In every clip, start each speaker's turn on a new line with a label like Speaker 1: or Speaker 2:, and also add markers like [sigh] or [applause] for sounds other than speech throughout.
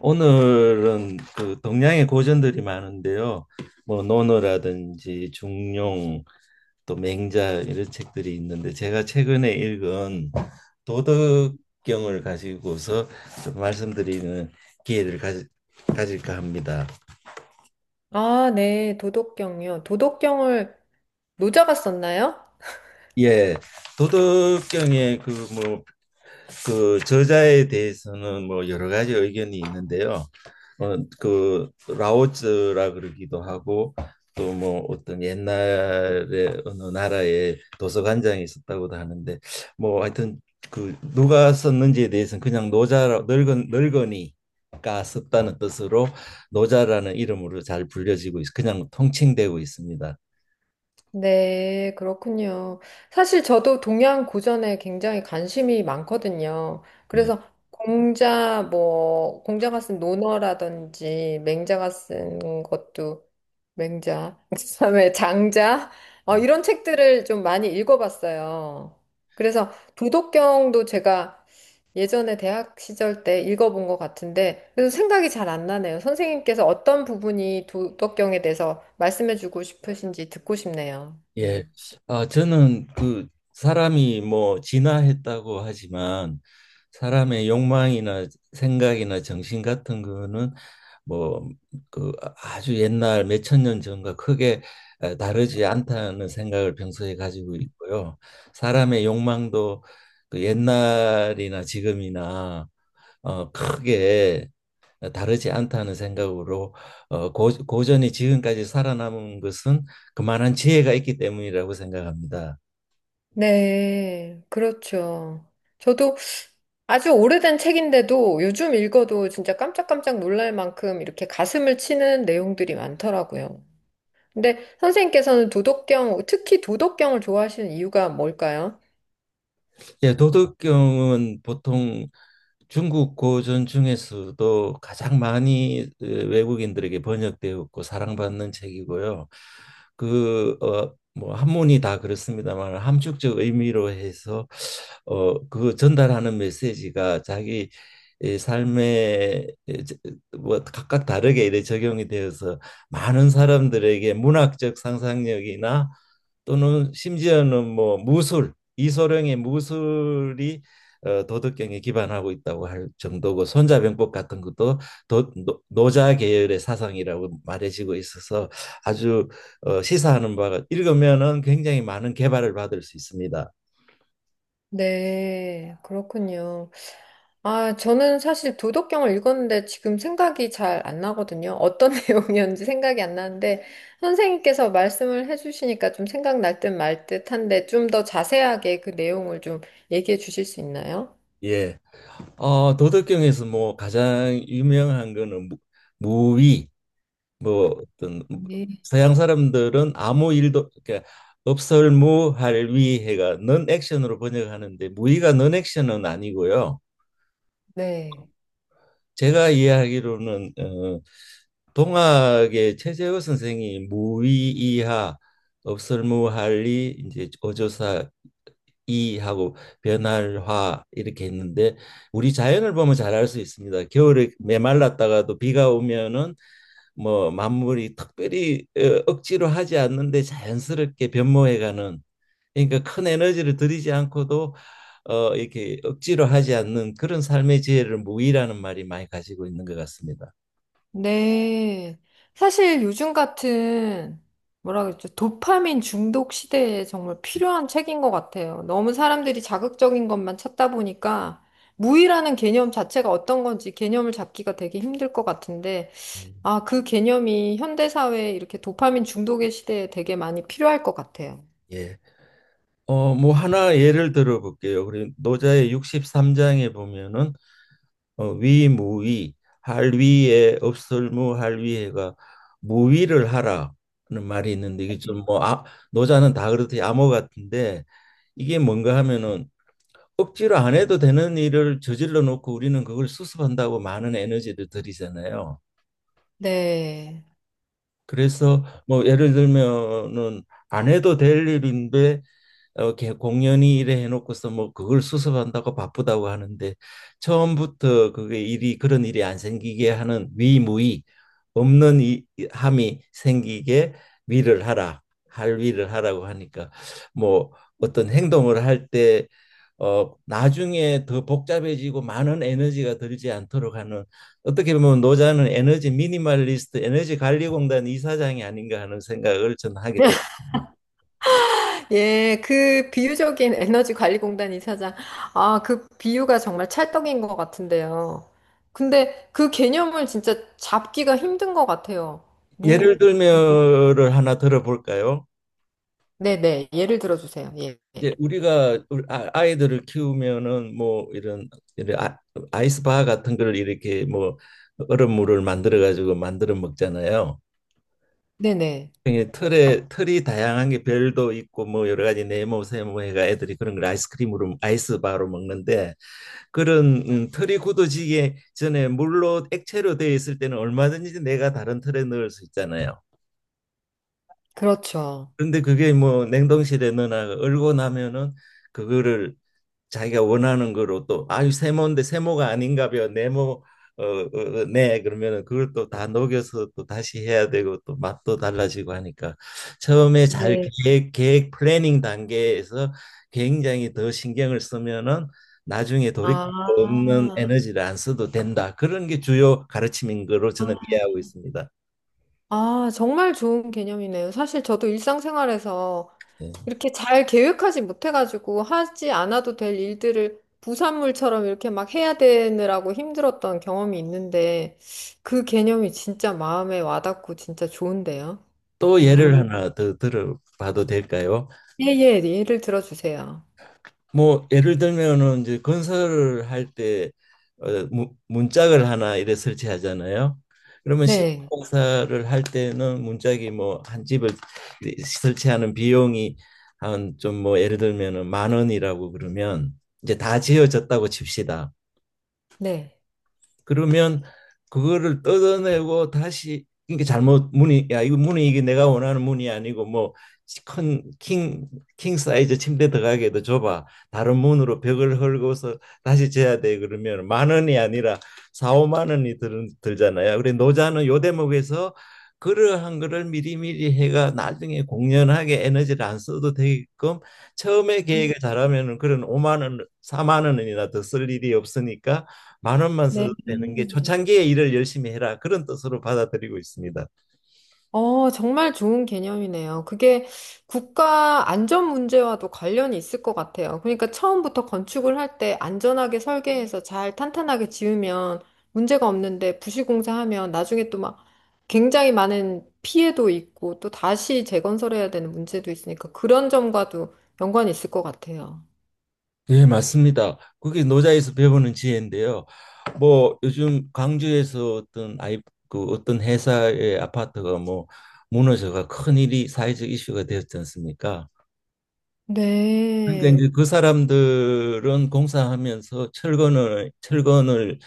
Speaker 1: 오늘은 그 동양의 고전들이 많은데요. 뭐 논어라든지 중용 또 맹자 이런 책들이 있는데, 제가 최근에 읽은 도덕경을 가지고서 좀 말씀드리는 기회를 가질까 합니다.
Speaker 2: 아, 네, 도덕경이요. 도덕경을 노자가 썼나요?
Speaker 1: 예, 도덕경의 그뭐 그 저자에 대해서는 뭐 여러 가지 의견이 있는데요. 그 라오즈라 그러기도 하고, 또 뭐 어떤 옛날에 어느 나라에 도서관장이 있었다고도 하는데, 뭐 하여튼 그 누가 썼는지에 대해서는 그냥 노자, 늙은 늙은이가 썼다는 뜻으로 노자라는 이름으로 잘 불려지고 그냥 통칭되고 있습니다.
Speaker 2: 네, 그렇군요. 사실 저도 동양 고전에 굉장히 관심이 많거든요.
Speaker 1: 예.
Speaker 2: 그래서 공자, 뭐, 공자가 쓴 논어라든지, 맹자가 쓴 것도, 맹자, [laughs] 그다음에 장자, 이런 책들을 좀 많이 읽어봤어요. 그래서 도덕경도 제가 예전에 대학 시절 때 읽어본 것 같은데, 그래서 생각이 잘 안 나네요. 선생님께서 어떤 부분이 도덕경에 대해서 말씀해주고 싶으신지 듣고 싶네요.
Speaker 1: 예.
Speaker 2: 예.
Speaker 1: 아, 저는 그 사람이 뭐 진화했다고 하지만, 사람의 욕망이나 생각이나 정신 같은 거는 뭐 그 아주 옛날 몇천 년 전과 크게 다르지 않다는 생각을 평소에 가지고 있고요. 사람의 욕망도 그 옛날이나 지금이나 크게 다르지 않다는 생각으로, 고전이 지금까지 살아남은 것은 그만한 지혜가 있기 때문이라고 생각합니다.
Speaker 2: 네, 그렇죠. 저도 아주 오래된 책인데도 요즘 읽어도 진짜 깜짝깜짝 놀랄 만큼 이렇게 가슴을 치는 내용들이 많더라고요. 근데 선생님께서는 도덕경, 특히 도덕경을 좋아하시는 이유가 뭘까요?
Speaker 1: 예, 도덕경은 보통 중국 고전 중에서도 가장 많이 외국인들에게 번역되었고 사랑받는 책이고요. 뭐 한문이 다 그렇습니다만, 함축적 의미로 해서 그 전달하는 메시지가 자기 이 삶에 뭐 각각 다르게 이래 적용이 되어서, 많은 사람들에게 문학적 상상력이나 또는 심지어는 뭐 무술, 이소룡의 무술이 도덕경에 기반하고 있다고 할 정도고, 손자병법 같은 것도 노자 계열의 사상이라고 말해지고 있어서, 아주 시사하는 바가, 읽으면은 굉장히 많은 개발을 받을 수 있습니다.
Speaker 2: 네, 그렇군요. 아, 저는 사실 도덕경을 읽었는데 지금 생각이 잘 안 나거든요. 어떤 [laughs] 내용이었는지 생각이 안 나는데 선생님께서 말씀을 해주시니까 좀 생각날 듯 말 듯한데 좀 더 자세하게 그 내용을 좀 얘기해 주실 수 있나요?
Speaker 1: 예. 도덕경에서 뭐 가장 유명한 거는 무위, 뭐 어떤
Speaker 2: 네.
Speaker 1: 서양 사람들은 아무 일도, 그러니까 없설무할 위해가 넌 액션으로 번역하는데, 무의가 넌 액션은 아니고요.
Speaker 2: 네.
Speaker 1: 제가 이해하기로는 동학의 최재호 선생이 무의 이하, 없설무할이 이제 어조사 이하고 변할화, 이렇게 했는데, 우리 자연을 보면 잘 알 수 있습니다. 겨울에 메말랐다가도 비가 오면은 뭐 만물이 특별히 억지로 하지 않는데 자연스럽게 변모해가는, 그러니까 큰 에너지를 들이지 않고도 이렇게 억지로 하지 않는 그런 삶의 지혜를 무의라는 말이 많이 가지고 있는 것 같습니다.
Speaker 2: 네. 사실 요즘 같은, 뭐라 그랬죠? 도파민 중독 시대에 정말 필요한 책인 것 같아요. 너무 사람들이 자극적인 것만 찾다 보니까 무의라는 개념 자체가 어떤 건지 개념을 잡기가 되게 힘들 것 같은데,
Speaker 1: 음,
Speaker 2: 아, 그 개념이 현대사회에 이렇게 도파민 중독의 시대에 되게 많이 필요할 것 같아요.
Speaker 1: 예. 뭐 하나 예를 들어 볼게요. 우리 노자의 63장에 보면은 위무위, 할위에 없설무할위에가 무위를 하라는 말이 있는데, 이게 좀 뭐 노자는 다 그렇듯이 암호 같은데, 이게 뭔가 하면은 억지로 안 해도 되는 일을 저질러 놓고 우리는 그걸 수습한다고 많은 에너지를 들이잖아요.
Speaker 2: 네.
Speaker 1: 그래서 뭐 예를 들면은 안 해도 될 일인데 공연이 이래 해놓고서 뭐 그걸 수습한다고 바쁘다고 하는데, 처음부터 그게 일이, 그런 일이 안 생기게 하는 위무위, 없는 함이 생기게 위를 하라, 할 위를 하라고 하니까, 뭐 어떤 행동을 할 때 나중에 더 복잡해지고 많은 에너지가 들지 않도록 하는, 어떻게 보면 노자는 에너지 미니멀리스트, 에너지 관리공단 이사장이 아닌가 하는 생각을 저는 하게 됩니다.
Speaker 2: 예, 그 비유적인 에너지 관리 공단 이사장. 아, 그 비유가 정말 찰떡인 것 같은데요. 근데 그 개념을 진짜 잡기가 힘든 것 같아요.
Speaker 1: 예를
Speaker 2: 뭐,
Speaker 1: 들면을 하나 들어볼까요?
Speaker 2: 네네. 예를 들어 주세요. 예. 예.
Speaker 1: 이제 우리가 이들을 키우면은 뭐 이런, 이런 아- 아이스바 같은 걸 이렇게 뭐 얼음물을 만들어 가지고 만들어 먹잖아요.
Speaker 2: 네네.
Speaker 1: 틀에, 틀이 다양한 게 별도 있고 뭐 여러 가지 네모 세모 해가, 애들이 그런 걸 아이스크림으로, 아이스바로 먹는데, 그런 털이 굳어지기 전에 물로, 액체로 되어 있을 때는 얼마든지 내가 다른 털에 넣을 수 있잖아요.
Speaker 2: 그렇죠.
Speaker 1: 그런데 그게 뭐 냉동실에 넣어놔 얼고 나면은, 그거를 자기가 원하는 거로, 또 아유 세모인데 세모가 아닌가 봐 네모 네, 그러면은 그걸 또 다 녹여서 또 다시 해야 되고 또 맛도 달라지고 하니까, 처음에 잘, 네.
Speaker 2: 네.
Speaker 1: 계획 플래닝 단계에서 굉장히 더 신경을 쓰면은 나중에 돌이킬
Speaker 2: 아,
Speaker 1: 수 없는 에너지를 안 써도 된다, 그런 게 주요 가르침인 거로 저는 이해하고 있습니다.
Speaker 2: 아, 정말 좋은 개념이네요. 사실 저도 일상생활에서
Speaker 1: 예.
Speaker 2: 이렇게 잘 계획하지 못해가지고 하지 않아도 될 일들을 부산물처럼 이렇게 막 해야 되느라고 힘들었던 경험이 있는데 그 개념이 진짜 마음에 와닿고 진짜 좋은데요.
Speaker 1: 또 예를
Speaker 2: 음,
Speaker 1: 하나 더 들어봐도 될까요?
Speaker 2: 예, 예, 예를 들어주세요.
Speaker 1: 뭐 예를 들면은 이제 건설을 할 때 문짝을 하나 이래 설치하잖아요. 그러면
Speaker 2: 네,
Speaker 1: 신공사를 할 때는 문짝이 뭐 한 집을 설치하는 비용이 한 좀, 뭐 예를 들면은 만 원이라고 그러면, 이제 다 지어졌다고 칩시다.
Speaker 2: 네,
Speaker 1: 그러면 그거를 뜯어내고 다시, 이게 잘못 문이, 야 이거 문이, 이게 내가 원하는 문이 아니고 뭐큰킹킹 사이즈 침대 들어가기도 좁아 다른 문으로, 벽을 헐고서 다시 재야 돼. 그러면 만 원이 아니라 4, 5만 원이 들잖아요. 그래 노자는 요 대목에서 그러한 거를 미리미리 해가 나중에 공연하게 에너지를 안 써도 되게끔, 처음에
Speaker 2: 음,
Speaker 1: 계획을 잘하면은 그런 5만 원, 4만 원이나 더 쓸 일이 없으니까, 10,000원만
Speaker 2: 네.
Speaker 1: 써도 되는 게, 초창기에 일을 열심히 해라, 그런 뜻으로 받아들이고 있습니다.
Speaker 2: 정말 좋은 개념이네요. 그게 국가 안전 문제와도 관련이 있을 것 같아요. 그러니까 처음부터 건축을 할 때 안전하게 설계해서 잘 탄탄하게 지으면 문제가 없는데 부실공사하면 나중에 또 막 굉장히 많은 피해도 있고 또 다시 재건설해야 되는 문제도 있으니까 그런 점과도 연관이 있을 것 같아요.
Speaker 1: 예, 맞습니다. 그게 노자에서 배우는 지혜인데요. 뭐 요즘 광주에서 어떤 아이 그 어떤 회사의 아파트가 뭐 무너져가 큰 일이, 사회적 이슈가 되었지 않습니까? 그러니까
Speaker 2: 네.
Speaker 1: 이제 그 사람들은 공사하면서 철근을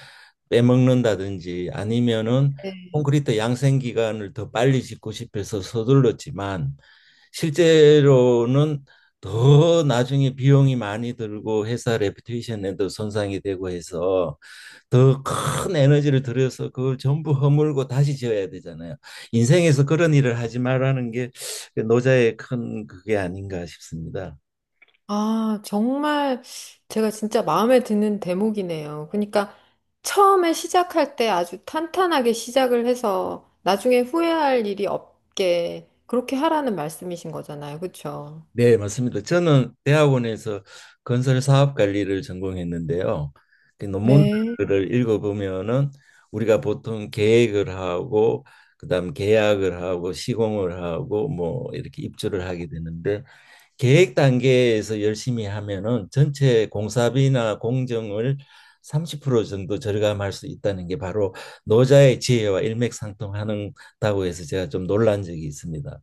Speaker 1: 빼먹는다든지, 아니면은 콘크리트 양생 기간을 더 빨리 짓고 싶어서 서둘렀지만, 실제로는 더 나중에 비용이 많이 들고 회사 레퓨테이션에도 손상이 되고 해서, 더 큰 에너지를 들여서 그걸 전부 허물고 다시 지어야 되잖아요. 인생에서 그런 일을 하지 말라는 게 노자의 큰, 그게 아닌가 싶습니다.
Speaker 2: 아, 정말 제가 진짜 마음에 드는 대목이네요. 그러니까 처음에 시작할 때 아주 탄탄하게 시작을 해서 나중에 후회할 일이 없게 그렇게 하라는 말씀이신 거잖아요. 그렇죠?
Speaker 1: 네, 맞습니다. 저는 대학원에서 건설 사업 관리를 전공했는데요. 그
Speaker 2: 네.
Speaker 1: 논문들을 읽어보면은 우리가 보통 계획을 하고 그다음 계약을 하고 시공을 하고, 뭐 이렇게 입주를 하게 되는데, 계획 단계에서 열심히 하면은 전체 공사비나 공정을 30% 정도 절감할 수 있다는 게 바로 노자의 지혜와 일맥상통하는다고 해서 제가 좀 놀란 적이 있습니다.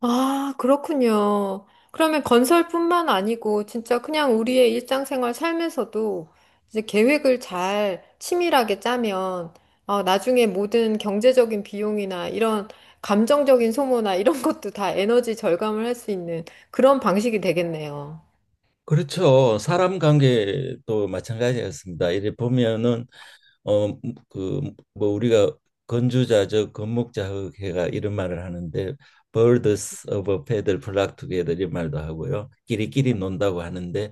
Speaker 2: 아, 그렇군요. 그러면 건설뿐만 아니고 진짜 그냥 우리의 일상생활 삶에서도 이제 계획을 잘 치밀하게 짜면 나중에 모든 경제적인 비용이나 이런 감정적인 소모나 이런 [laughs] 것도 다 에너지 절감을 할 수 있는 그런 방식이 되겠네요.
Speaker 1: 그렇죠. 사람 관계도 마찬가지였습니다. 이래 보면은 어 그 뭐 우리가 건주자적 건목자흑해가, 이런 말을 하는데, birds of a feather flock together, 이 말도 하고요. 끼리끼리 논다고 하는데,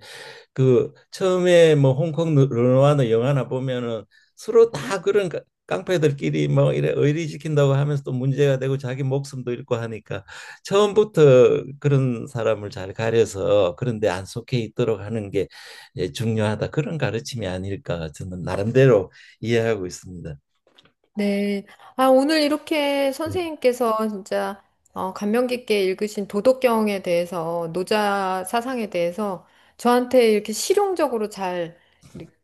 Speaker 1: 그 처음에 뭐 홍콩 르누아르 영화나 보면은 서로 다 그런 깡패들끼리 뭐 이래 의리 지킨다고 하면서 또 문제가 되고 자기 목숨도 잃고 하니까, 처음부터 그런 사람을 잘 가려서 그런데 안 속해 있도록 하는 게, 예, 중요하다, 그런 가르침이 아닐까 저는 나름대로 이해하고 있습니다.
Speaker 2: 네. 아, 오늘 이렇게
Speaker 1: 네.
Speaker 2: 선생님께서 진짜 감명 깊게 읽으신 도덕경에 대해서, 노자 사상에 대해서 저한테 이렇게 실용적으로 잘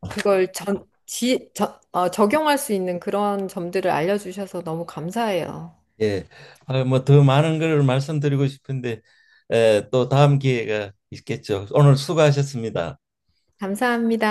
Speaker 2: 그걸 전, 지, 저, 어, 적용할 수 있는 그런 점들을 알려주셔서 너무 감사해요.
Speaker 1: 예, 뭐더 많은 걸 말씀드리고 싶은데 또 다음 기회가 있겠죠. 오늘 수고하셨습니다.
Speaker 2: 감사합니다.